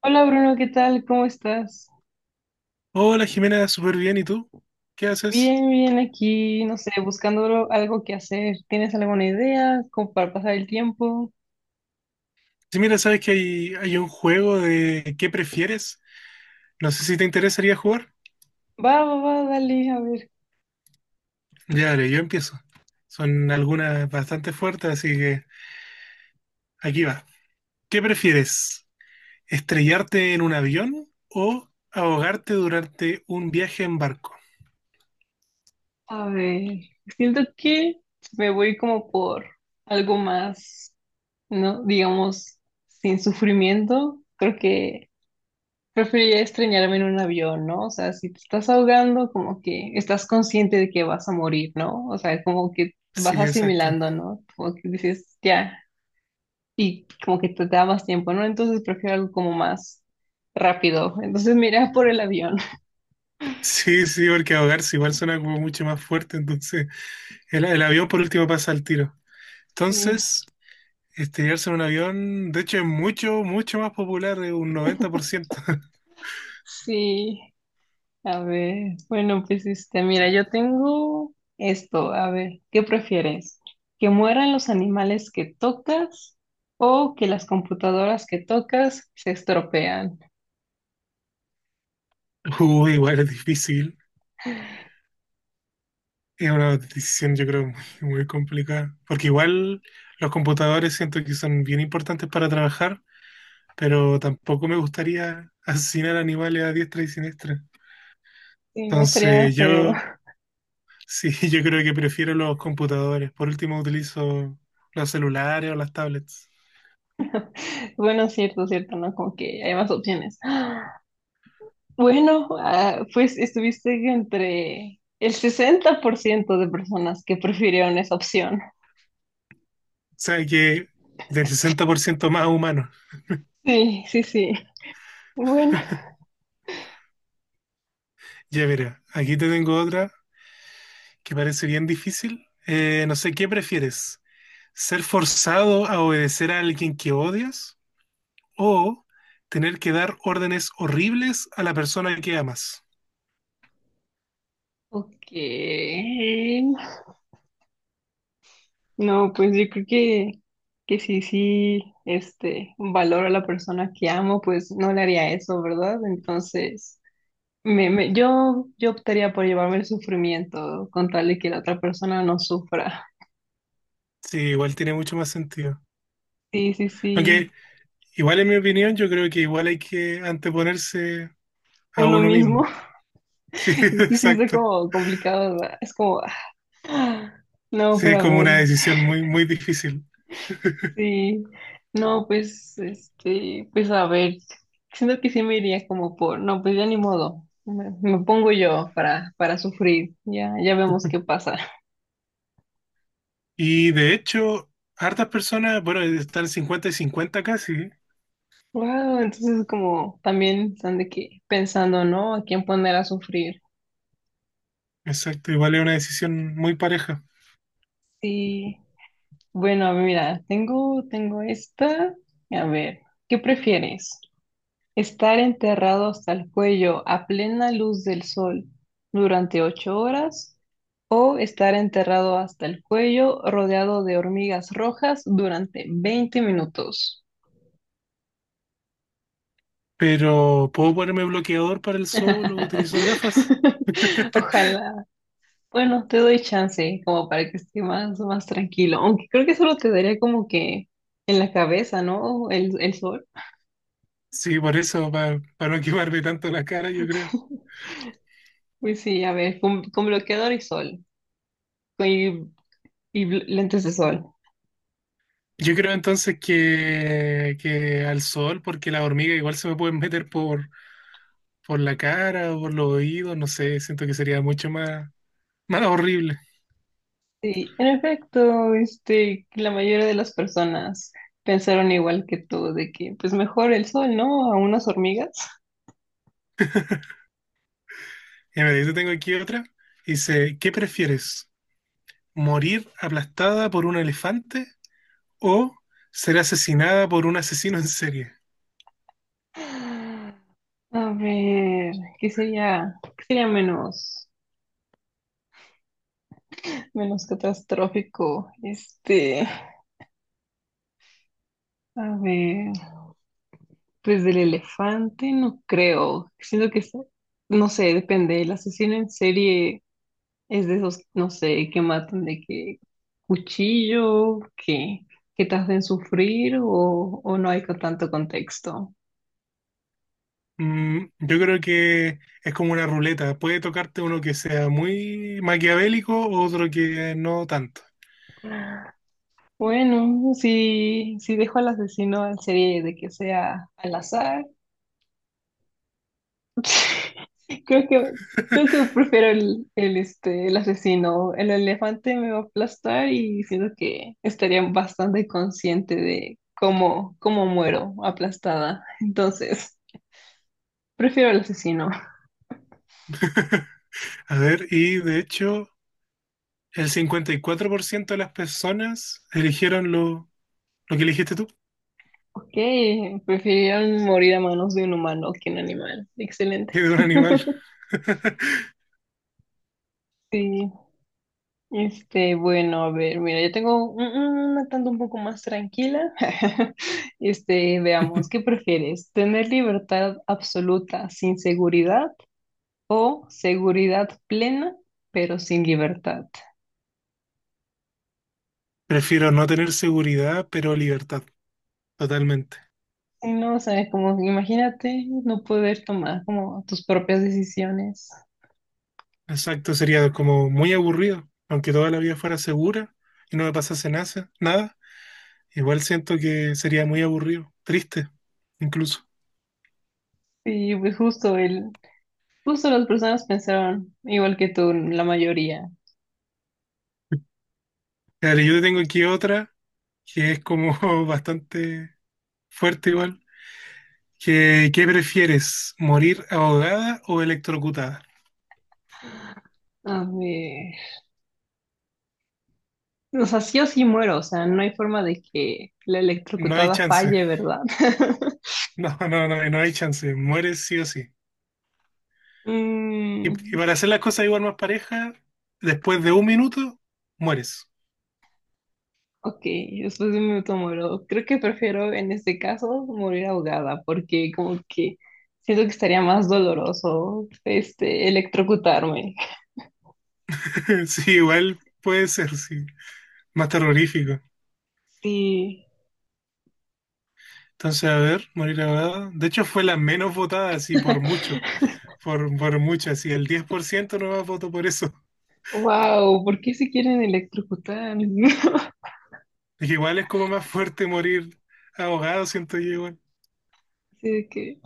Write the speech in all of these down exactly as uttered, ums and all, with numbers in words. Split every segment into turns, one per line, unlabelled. Hola Bruno, ¿qué tal? ¿Cómo estás?
Hola Jimena, súper bien. ¿Y tú? ¿Qué haces?
Bien, bien aquí, no sé, buscando lo- algo que hacer. ¿Tienes alguna idea como para pasar el tiempo?
Sí, mira, sabes que hay, hay un juego de ¿qué prefieres? No sé si te interesaría jugar.
Va, va, va, dale, a ver.
Ya, dale, yo empiezo. Son algunas bastante fuertes, así que aquí va. ¿Qué prefieres? ¿Estrellarte en un avión o ahogarte durante un viaje en barco?
A ver, siento que me voy como por algo más, ¿no? Digamos, sin sufrimiento. Creo que preferiría extrañarme en un avión, ¿no? O sea, si te estás ahogando, como que estás consciente de que vas a morir, ¿no? O sea, como que vas
Sí, exacto.
asimilando, ¿no? Como que dices, ya. Y como que te, te da más tiempo, ¿no? Entonces prefiero algo como más rápido. Entonces mira por el avión.
Sí, sí, porque ahogarse igual suena como mucho más fuerte, entonces el, el avión por último pasa al tiro.
Sí,
Entonces, estrellarse en un avión, de hecho, es mucho, mucho más popular, es un noventa por ciento.
sí. A ver, bueno, pues este, mira, yo tengo esto. A ver, ¿qué prefieres? ¿Que mueran los animales que tocas o que las computadoras que tocas se estropean?
Uy, igual es difícil. Es una decisión, yo creo, muy, muy complicada. Porque igual los computadores siento que son bien importantes para trabajar, pero tampoco me gustaría asesinar animales a diestra y siniestra.
Sí, no estaría
Entonces,
feo.
yo sí, yo creo que prefiero los computadores. Por último, utilizo los celulares o las tablets.
Bueno, cierto, cierto, ¿no? Como que hay más opciones. Bueno, ah, pues estuviste entre el sesenta por ciento de personas que prefirieron esa opción.
O sea que del sesenta por ciento más humano.
Sí, sí, sí. Bueno,
Ya verá, aquí te tengo otra que parece bien difícil. Eh, no sé, ¿qué prefieres? ¿Ser forzado a obedecer a alguien que odias o tener que dar órdenes horribles a la persona que amas?
ok. No, pues yo creo que, que sí, sí, este, valoro a la persona que amo, pues no le haría eso, ¿verdad? Entonces, me, me- yo, yo optaría por llevarme el sufrimiento con tal de que la otra persona no sufra.
Sí, igual tiene mucho más sentido.
Sí, sí, sí.
Aunque igual en mi opinión yo creo que igual hay que anteponerse a
Uno
uno
mismo.
mismo. Sí,
Es que sí está
exacto.
como complicado, ¿verdad? Es como, ah, No,
Sí,
pero
es
a
como
ver,
una decisión muy, muy difícil.
sí. No, pues, este, pues a ver, siento que sí me iría como por, no, pues ya ni modo. Me, me pongo yo para, para sufrir. Ya, ya vemos qué pasa.
Y de hecho, hartas personas, bueno, están cincuenta y cincuenta casi.
Wow, entonces como también están de que pensando, ¿no? A quién poner a sufrir.
Exacto, igual es una decisión muy pareja.
Sí. Bueno, mira, tengo, tengo esta. A ver, ¿qué prefieres? Estar enterrado hasta el cuello a plena luz del sol durante ocho horas o estar enterrado hasta el cuello rodeado de hormigas rojas durante veinte minutos.
Pero ¿puedo ponerme bloqueador para el sol o utilizar gafas?
Ojalá. Bueno, te doy chance como para que esté más, más tranquilo. Aunque creo que solo te daría como que en la cabeza, ¿no? El, el sol.
Sí, por eso, para no quemarme tanto la cara, yo creo.
Pues sí, a ver, con, con bloqueador y sol. con- Y, y bl- lentes de sol.
Yo creo entonces que, que al sol, porque las hormigas igual se me pueden meter por, por la cara o por los oídos, no sé, siento que sería mucho más, más horrible.
Sí, en efecto, este, la mayoría de las personas pensaron igual que tú, de que pues mejor el sol, ¿no? A unas hormigas.
Y me yo tengo aquí otra, dice, ¿qué prefieres? ¿Morir aplastada por un elefante o ser asesinada por un asesino en serie?
A ver, ¿qué sería, qué sería menos, menos catastrófico? Este, a ver, pues del elefante no creo. Siento que, es, no sé, depende. El asesino en serie es de esos, no sé, que matan de qué cuchillo, que, que te hacen sufrir o, o no hay con tanto contexto.
Mm, yo creo que es como una ruleta. Puede tocarte uno que sea muy maquiavélico, otro que no tanto.
Bueno, si, si dejo al asesino en serie de que sea al azar, creo que, creo que prefiero el, el, este, el asesino. El elefante me va a aplastar y siento que estaría bastante consciente de cómo, cómo muero aplastada. Entonces, prefiero el asesino.
A ver, y de hecho, el cincuenta y cuatro por ciento de las personas eligieron lo, lo que elegiste tú,
Ok, prefirieron morir a manos de un humano que un animal. Excelente.
que de un animal.
Sí, este, bueno, a ver, mira, yo tengo un- un- una tanto un poco más tranquila. Este, veamos, ¿qué prefieres? ¿Tener libertad absoluta sin seguridad o seguridad plena pero sin libertad?
Prefiero no tener seguridad, pero libertad, totalmente.
Sí, no, o sea, como imagínate no poder tomar como tus propias decisiones.
Exacto, sería como muy aburrido, aunque toda la vida fuera segura y no me pasase nasa- nada, igual siento que sería muy aburrido, triste, incluso.
Sí, pues justo el, justo las personas pensaron igual que tú, la mayoría.
Claro, yo tengo aquí otra que es como bastante fuerte igual, que ¿qué prefieres, morir ahogada o electrocutada?
A ver, o sea, sí o sí muero, o sea, no hay forma de que la
No hay
electrocutada
chance,
falle, ¿verdad?
no, no, no, no hay chance, mueres sí o sí. Y, y
Mm,
para hacer las cosas igual más parejas, después de un minuto, mueres.
ok, después de un minuto muero. Creo que prefiero en este caso morir ahogada, porque como que siento que estaría más doloroso, este, electrocutarme.
Sí, igual puede ser, sí, más terrorífico.
Sí.
Entonces, a ver, morir abogado. De hecho, fue la menos votada, así por mucho. Por, por mucho, así el diez por ciento no más votó por eso.
Wow, ¿por qué se quieren electrocutar?
Es que igual es como más fuerte morir ahogado, siento yo igual.
Así de que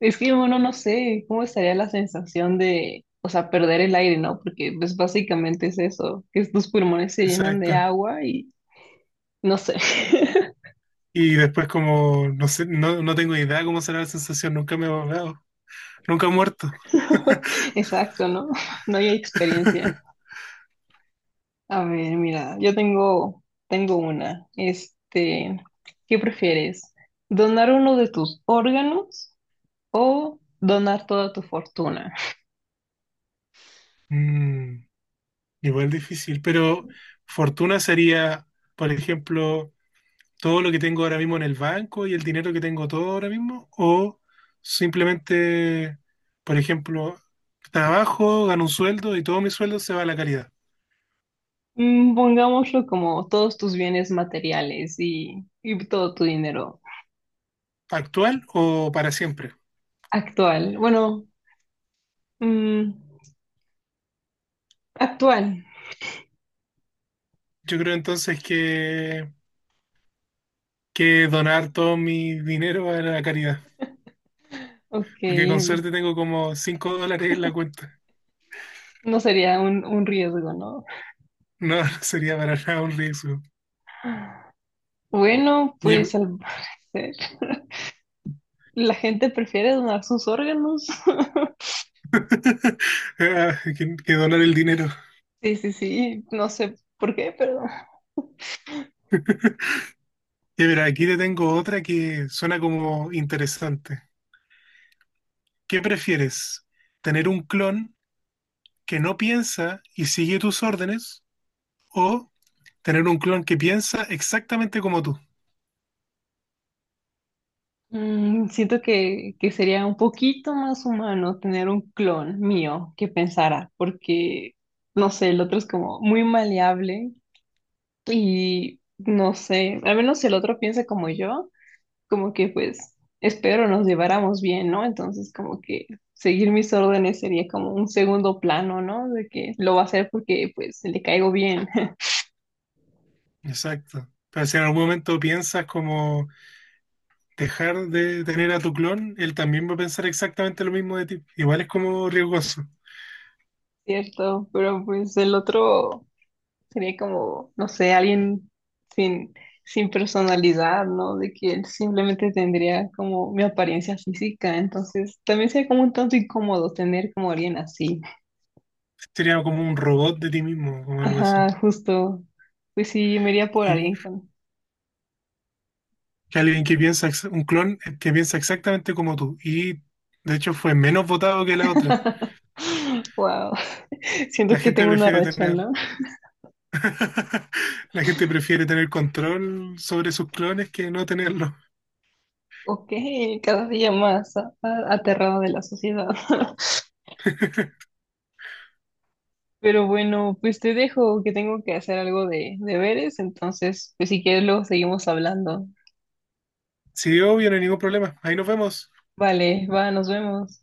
es que uno no sé cómo estaría la sensación de, o sea, perder el aire, ¿no? Porque pues básicamente es eso, que tus pulmones se llenan de
Exacto.
agua y no sé.
Y después como, no sé, no, no tengo idea cómo será la sensación. Nunca me he ahogado. Nunca he muerto.
Exacto, ¿no? No hay experiencia. A ver, mira, yo tengo, tengo una. Este, ¿qué prefieres? ¿Donar uno de tus órganos o donar toda tu fortuna?
Mm, igual difícil, pero fortuna sería, por ejemplo, todo lo que tengo ahora mismo en el banco y el dinero que tengo todo ahora mismo, o simplemente, por ejemplo, trabajo, gano un sueldo y todo mi sueldo se va a la caridad,
Mm, pongámoslo como todos tus bienes materiales y, y todo tu dinero
actual o para siempre.
actual. Bueno, Mm, actual.
Yo creo entonces que, que donar todo mi dinero a la caridad,
Ok,
porque con suerte tengo como cinco dólares en la cuenta.
no sería un, un riesgo, ¿no?
No, no sería para nada un riesgo.
Bueno,
Y em-
pues al parecer la gente prefiere donar sus órganos.
Ah, que, que donar el dinero.
Sí, sí, sí, no sé por qué, pero
Y mira, aquí te tengo otra que suena como interesante. ¿Qué prefieres? ¿Tener un clon que no piensa y sigue tus órdenes? ¿O tener un clon que piensa exactamente como tú?
mm, siento que, que sería un poquito más humano tener un clon mío que pensara, porque, no sé, el otro es como muy maleable y, no sé, al menos si el otro piensa como yo. Como que pues espero nos lleváramos bien, ¿no? Entonces como que seguir mis órdenes sería como un segundo plano, ¿no? De que lo va a hacer porque pues le caigo bien,
Exacto. Pero si en algún momento piensas como dejar de tener a tu clon, él también va a pensar exactamente lo mismo de ti. Igual es como riesgoso.
¿cierto? Pero pues el otro sería como, no sé, alguien sin, sin personalidad, ¿no? De que él simplemente tendría como mi apariencia física, entonces también sería como un tanto incómodo tener como alguien así.
Sería como un robot de ti mismo o algo así.
Ajá, justo. Pues sí, me iría por
Y
alguien con
que alguien que piensa, ex- un clon que piensa exactamente como tú. Y de hecho fue menos votado que la otra.
wow, siento
La
que
gente
tengo una
prefiere
racha,
tener
¿no?
la gente prefiere tener control sobre sus clones que no tenerlo.
Ok, cada día más a- a- aterrada de la sociedad. Pero bueno, pues te dejo que tengo que hacer algo de deberes, entonces, pues si quieres luego seguimos hablando.
Sí, obvio, no hay ningún problema. Ahí nos vemos.
Vale, va, nos vemos.